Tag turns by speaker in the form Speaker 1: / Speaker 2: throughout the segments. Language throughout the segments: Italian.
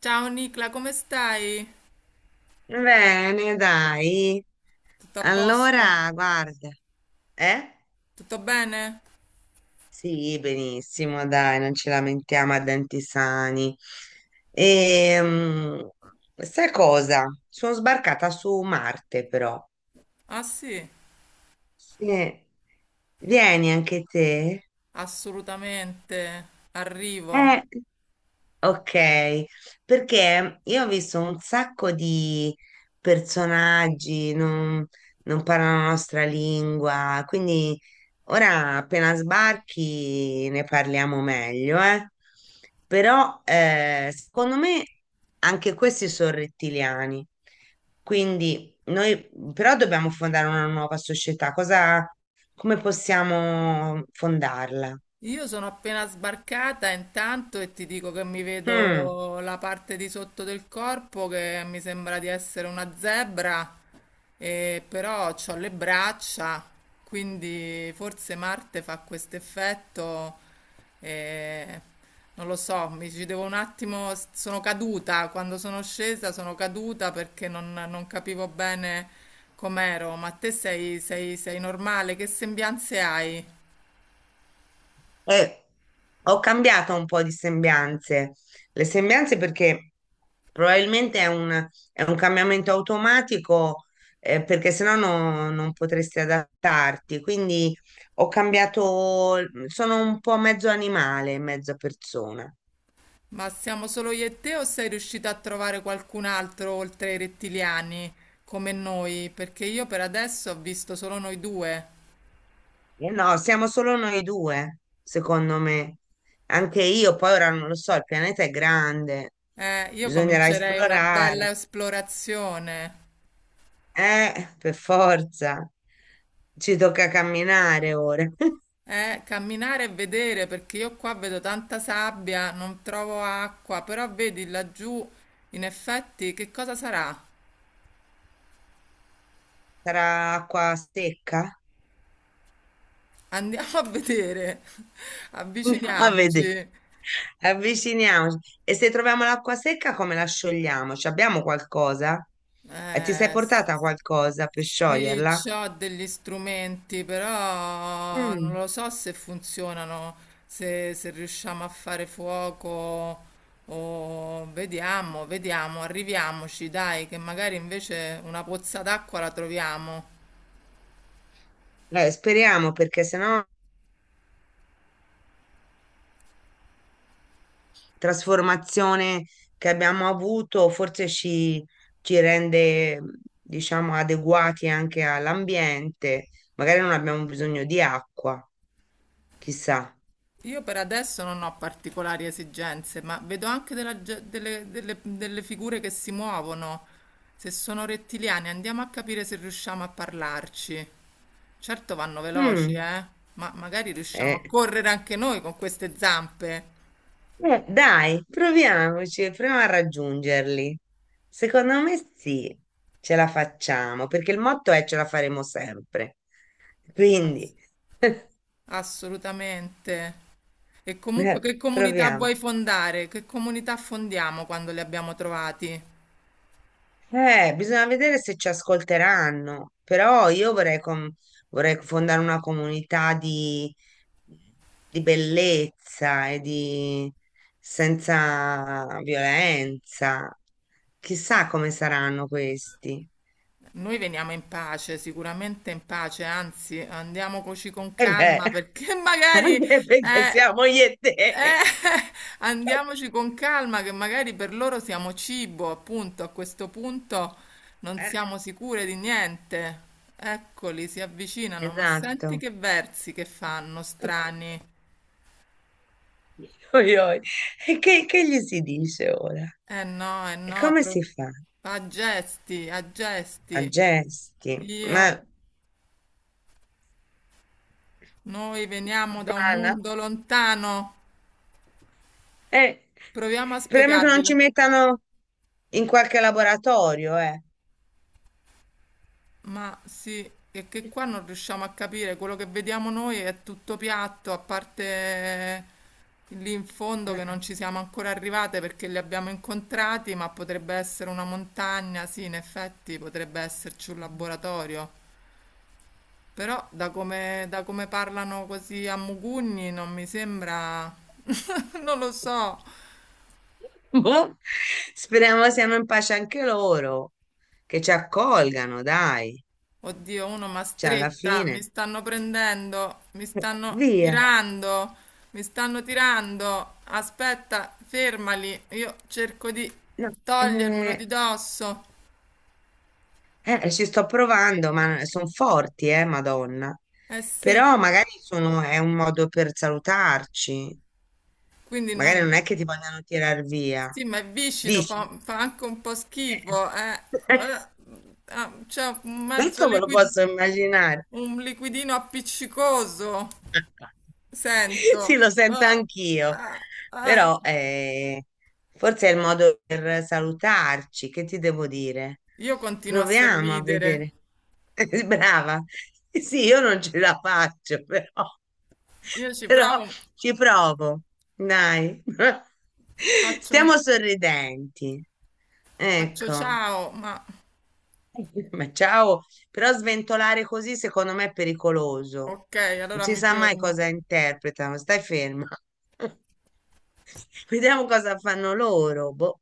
Speaker 1: Ciao Nicla, come stai?
Speaker 2: Bene, dai.
Speaker 1: Tutto a posto?
Speaker 2: Allora, guarda, eh?
Speaker 1: Tutto bene?
Speaker 2: Sì, benissimo, dai, non ci lamentiamo a denti sani. Ehm, Sai cosa? Sono sbarcata su Marte, però.
Speaker 1: Ah sì,
Speaker 2: Sì. Vieni anche te.
Speaker 1: assolutamente. Arrivo.
Speaker 2: Eh. Ok, perché io ho visto un sacco di personaggi, non parlano la nostra lingua, quindi ora appena sbarchi ne parliamo meglio, eh. Però secondo me anche questi sono rettiliani, quindi noi però dobbiamo fondare una nuova società, cosa, come possiamo fondarla?
Speaker 1: Io sono appena sbarcata intanto e ti dico che mi
Speaker 2: Mm.
Speaker 1: vedo la parte di sotto del corpo che mi sembra di essere una zebra, e però ho le braccia, quindi forse Marte fa questo effetto, e non lo so, mi ci devo un attimo, sono caduta, quando sono scesa sono caduta perché non capivo bene com'ero, ma te sei, sei normale? Che sembianze hai?
Speaker 2: Eh, ho cambiato un po' di sembianze. Le sembianze perché probabilmente è un cambiamento automatico, perché sennò non potresti adattarti. Quindi ho cambiato, sono un po' mezzo animale, mezza persona.
Speaker 1: Ma siamo solo io e te o sei riuscita a trovare qualcun altro oltre ai rettiliani come noi? Perché io per adesso ho visto solo noi due.
Speaker 2: Eh no, siamo solo noi due, secondo me. Anche io, poi ora non lo so, il pianeta è grande,
Speaker 1: Io
Speaker 2: bisognerà
Speaker 1: comincerei una
Speaker 2: esplorare.
Speaker 1: bella esplorazione.
Speaker 2: Per forza. Ci tocca camminare ora.
Speaker 1: Camminare e vedere perché io qua vedo tanta sabbia, non trovo acqua, però vedi laggiù, in effetti, che cosa sarà?
Speaker 2: Sarà acqua secca?
Speaker 1: Andiamo a vedere.
Speaker 2: A vedere.
Speaker 1: Avviciniamoci.
Speaker 2: Avviciniamoci. E se troviamo l'acqua secca, come la sciogliamo? Ci abbiamo qualcosa? Ti sei
Speaker 1: Eh, s-
Speaker 2: portata qualcosa per
Speaker 1: sì,
Speaker 2: scioglierla?
Speaker 1: c'ho degli strumenti, però non
Speaker 2: Mm.
Speaker 1: lo so se funzionano, se riusciamo a fare fuoco o vediamo, vediamo, arriviamoci, dai, che magari invece una pozza d'acqua la troviamo.
Speaker 2: Speriamo perché sennò trasformazione che abbiamo avuto forse ci rende, diciamo, adeguati anche all'ambiente. Magari non abbiamo bisogno di acqua, chissà.
Speaker 1: Io per adesso non ho particolari esigenze, ma vedo anche delle, delle figure che si muovono. Se sono rettiliani, andiamo a capire se riusciamo a parlarci. Certo vanno veloci,
Speaker 2: Mm,
Speaker 1: eh? Ma magari riusciamo a
Speaker 2: eh,
Speaker 1: correre anche noi con queste zampe.
Speaker 2: dai, proviamoci, proviamo a raggiungerli. Secondo me sì, ce la facciamo, perché il motto è ce la faremo sempre.
Speaker 1: Ass-
Speaker 2: Quindi,
Speaker 1: Assolutamente. E comunque che comunità
Speaker 2: proviamo.
Speaker 1: vuoi fondare? Che comunità fondiamo quando li abbiamo trovati?
Speaker 2: Bisogna vedere se ci ascolteranno, però io vorrei, vorrei fondare una comunità di bellezza e di senza violenza. Chissà come saranno questi.
Speaker 1: Noi veniamo in pace, sicuramente in pace, anzi andiamoci con
Speaker 2: E beh,
Speaker 1: calma perché magari
Speaker 2: anche perché
Speaker 1: eh,
Speaker 2: siamo io e te.
Speaker 1: eh, andiamoci con calma che magari per loro siamo cibo, appunto, a questo punto non
Speaker 2: Eh,
Speaker 1: siamo sicure di niente. Eccoli, si avvicinano, ma senti
Speaker 2: esatto.
Speaker 1: che versi che fanno, strani.
Speaker 2: Oi, oi. E che gli si dice ora?
Speaker 1: Eh no,
Speaker 2: E come si fa?
Speaker 1: a gesti, a
Speaker 2: A
Speaker 1: gesti.
Speaker 2: gesti. Ma
Speaker 1: Io, noi veniamo da un
Speaker 2: guarda,
Speaker 1: mondo lontano.
Speaker 2: eh,
Speaker 1: Proviamo a
Speaker 2: speriamo che non
Speaker 1: spiegarglielo.
Speaker 2: ci mettano in qualche laboratorio, eh.
Speaker 1: Ma sì, è che qua non riusciamo a capire, quello che vediamo noi è tutto piatto, a parte lì in fondo che
Speaker 2: Eh,
Speaker 1: non ci siamo ancora arrivate perché li abbiamo incontrati, ma potrebbe essere una montagna, sì, in effetti potrebbe esserci un laboratorio. Però da come parlano così a mugugni non mi sembra... non lo so.
Speaker 2: boh. Speriamo siano in pace anche loro, che ci accolgano, dai.
Speaker 1: Oddio, uno ma
Speaker 2: Cioè, alla
Speaker 1: stretta, mi
Speaker 2: fine,
Speaker 1: stanno prendendo, mi stanno
Speaker 2: via.
Speaker 1: tirando, mi stanno tirando. Aspetta, fermali, io cerco di
Speaker 2: No,
Speaker 1: togliermelo di
Speaker 2: eh,
Speaker 1: dosso.
Speaker 2: ci sto provando, ma sono forti, Madonna.
Speaker 1: Eh sì,
Speaker 2: Però magari sono, è un modo per salutarci.
Speaker 1: quindi non...
Speaker 2: Magari non è che ti vogliono tirar via.
Speaker 1: Sì, ma è viscido,
Speaker 2: Dici?
Speaker 1: fa anche un po' schifo, eh.
Speaker 2: Eh,
Speaker 1: Eh, ah, c'è un mezzo
Speaker 2: questo me lo
Speaker 1: liquid...
Speaker 2: posso immaginare.
Speaker 1: un liquidino appiccicoso,
Speaker 2: Sì,
Speaker 1: sento.
Speaker 2: lo sento
Speaker 1: Ah,
Speaker 2: anch'io,
Speaker 1: ah, ah.
Speaker 2: però forse è il modo per salutarci. Che ti devo dire?
Speaker 1: Io continuo a
Speaker 2: Proviamo a
Speaker 1: sorridere.
Speaker 2: vedere. Brava. Sì, io non ce la faccio, però,
Speaker 1: Io ci
Speaker 2: però
Speaker 1: provo,
Speaker 2: ci provo. Dai.
Speaker 1: faccio, un-
Speaker 2: Stiamo sorridenti.
Speaker 1: faccio
Speaker 2: Ecco.
Speaker 1: ciao, ma
Speaker 2: Ma ciao, però sventolare così secondo me è pericoloso.
Speaker 1: ok,
Speaker 2: Non
Speaker 1: allora
Speaker 2: si
Speaker 1: mi
Speaker 2: sa mai
Speaker 1: fermo.
Speaker 2: cosa interpretano, stai ferma. Vediamo cosa fanno loro, boh,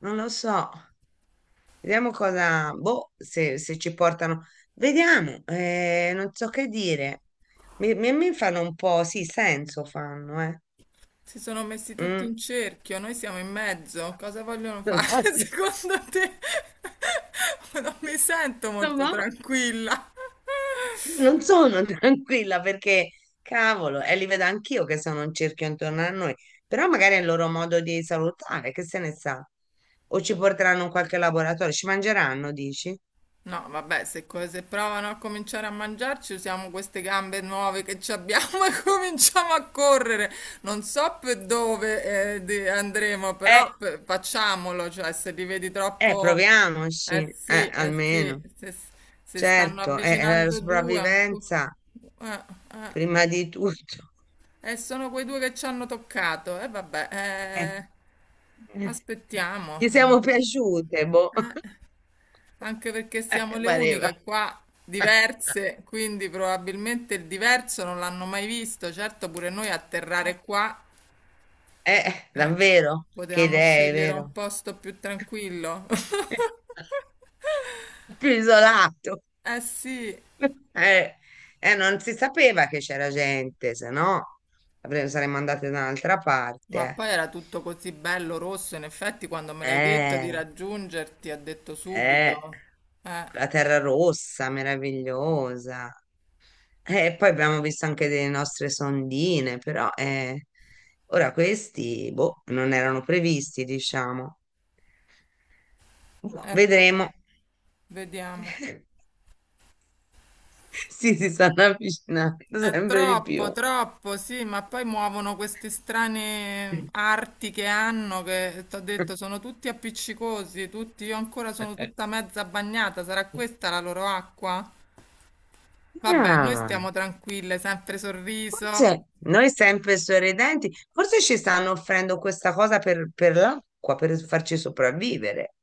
Speaker 2: non lo so. Vediamo cosa, boh, se ci portano. Vediamo, non so che dire. Mi fanno un po', sì, senso fanno, eh.
Speaker 1: Si sono messi tutti
Speaker 2: Mm.
Speaker 1: in cerchio, noi siamo in mezzo. Cosa vogliono fare secondo te? Non mi sento
Speaker 2: No,
Speaker 1: molto
Speaker 2: no.
Speaker 1: tranquilla.
Speaker 2: Non sono tranquilla perché, cavolo, e li vedo anch'io che sono un cerchio intorno a noi, però magari è il loro modo di salutare, che se ne sa. O ci porteranno in qualche laboratorio, ci mangeranno, dici?
Speaker 1: No, vabbè, se provano a cominciare a mangiarci, usiamo queste gambe nuove che ci abbiamo e cominciamo a correre. Non so per dove andremo,
Speaker 2: Eh,
Speaker 1: però facciamolo, cioè se li vedi
Speaker 2: eh,
Speaker 1: troppo...
Speaker 2: proviamoci,
Speaker 1: Sì, eh sì,
Speaker 2: almeno.
Speaker 1: se, se stanno
Speaker 2: Certo, è la
Speaker 1: avvicinando due...
Speaker 2: sopravvivenza
Speaker 1: Eh, eh,
Speaker 2: prima di tutto.
Speaker 1: sono quei due che ci hanno toccato. E vabbè,
Speaker 2: Eh, eh,
Speaker 1: aspettiamo.
Speaker 2: Gli
Speaker 1: Eh.
Speaker 2: siamo piaciute, boh.
Speaker 1: Anche perché siamo le
Speaker 2: Pareva.
Speaker 1: uniche qua
Speaker 2: Eh,
Speaker 1: diverse, quindi probabilmente il diverso non l'hanno mai visto. Certo, pure noi atterrare qua,
Speaker 2: eh,
Speaker 1: eh,
Speaker 2: davvero, che
Speaker 1: potevamo
Speaker 2: idee,
Speaker 1: scegliere un
Speaker 2: vero?
Speaker 1: posto più tranquillo.
Speaker 2: Più isolato.
Speaker 1: Eh sì,
Speaker 2: Eh, non si sapeva che c'era gente, se no saremmo andate da un'altra
Speaker 1: ma
Speaker 2: parte.
Speaker 1: poi era tutto così bello rosso. In effetti, quando me l'hai detto di
Speaker 2: Eh,
Speaker 1: raggiungerti, ha detto
Speaker 2: eh,
Speaker 1: subito. Eh,
Speaker 2: la Terra Rossa, meravigliosa. E poi abbiamo visto anche delle nostre sondine, però ora questi, boh, non erano previsti, diciamo. Boh, vedremo.
Speaker 1: eccoli, vediamo.
Speaker 2: Sì, si stanno avvicinando
Speaker 1: È
Speaker 2: sempre di
Speaker 1: troppo,
Speaker 2: più.
Speaker 1: troppo, sì, ma poi muovono queste strane arti che hanno, che ti ho detto, sono tutti appiccicosi, tutti, io ancora sono tutta mezza bagnata, sarà questa la loro acqua? Vabbè, noi
Speaker 2: Ah,
Speaker 1: stiamo tranquille, sempre sorriso.
Speaker 2: forse noi sempre sorridenti, forse ci stanno offrendo questa cosa per l'acqua, per farci sopravvivere.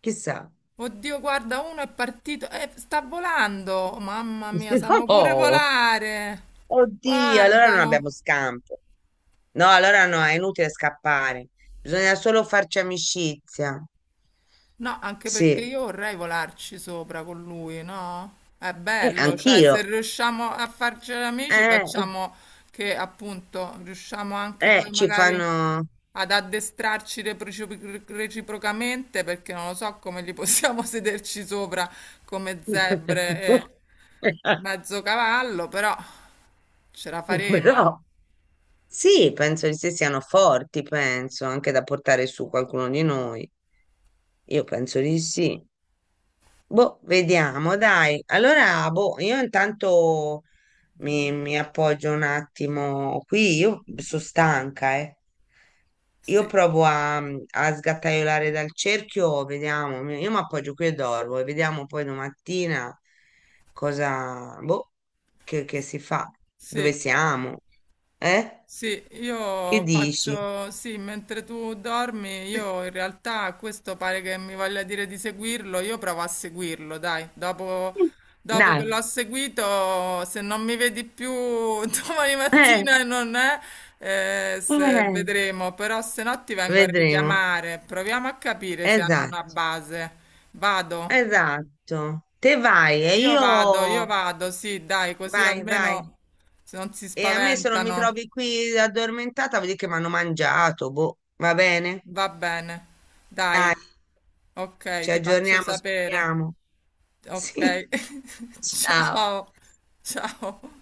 Speaker 2: Chissà.
Speaker 1: Oddio, guarda, uno è partito, sta volando, mamma mia, sanno pure
Speaker 2: Oh,
Speaker 1: volare,
Speaker 2: oddio, allora non
Speaker 1: guardalo.
Speaker 2: abbiamo scampo. No, allora no, è inutile scappare. Bisogna solo farci amicizia.
Speaker 1: No, anche perché
Speaker 2: Sì,
Speaker 1: io vorrei volarci sopra con lui, no? È bello, cioè se
Speaker 2: Anch'io.
Speaker 1: riusciamo a farci amici
Speaker 2: Eh,
Speaker 1: facciamo che appunto riusciamo anche
Speaker 2: eh,
Speaker 1: poi
Speaker 2: ci
Speaker 1: magari
Speaker 2: fanno...
Speaker 1: ad addestrarci reciprocamente perché non lo so come li possiamo sederci sopra come zebre e mezzo cavallo, però ce la faremo.
Speaker 2: Però sì, penso di sì, siano forti, penso, anche da portare su qualcuno di noi. Io penso di sì. Boh, vediamo, dai. Allora, boh, io intanto mi appoggio un attimo qui, io sono stanca, eh. Io
Speaker 1: Sì,
Speaker 2: provo a sgattaiolare dal cerchio, vediamo, io mi appoggio qui e dormo e vediamo poi domattina cosa, boh, che si fa,
Speaker 1: sì.
Speaker 2: dove siamo, eh?
Speaker 1: Sì,
Speaker 2: Che
Speaker 1: io
Speaker 2: dici?
Speaker 1: faccio, sì, mentre tu dormi, io in realtà questo pare che mi voglia dire di seguirlo, io provo a seguirlo, dai, dopo, dopo
Speaker 2: Dai,
Speaker 1: che l'ho seguito, se non mi vedi più domani
Speaker 2: eh,
Speaker 1: mattina e non è,
Speaker 2: eh,
Speaker 1: vedremo, però se no ti vengo a
Speaker 2: vedremo,
Speaker 1: richiamare, proviamo a capire se hanno una
Speaker 2: esatto.
Speaker 1: base. Vado,
Speaker 2: Esatto, te vai e
Speaker 1: io vado,
Speaker 2: io
Speaker 1: sì, dai, così
Speaker 2: vai, vai.
Speaker 1: almeno se non si
Speaker 2: E a me se non mi
Speaker 1: spaventano.
Speaker 2: trovi qui addormentata, vuol dire che mi hanno mangiato, boh, va bene?
Speaker 1: Va bene, dai, ok,
Speaker 2: Ci
Speaker 1: ti faccio
Speaker 2: aggiorniamo,
Speaker 1: sapere.
Speaker 2: speriamo.
Speaker 1: Ok,
Speaker 2: Sì, ciao.
Speaker 1: ciao, ciao.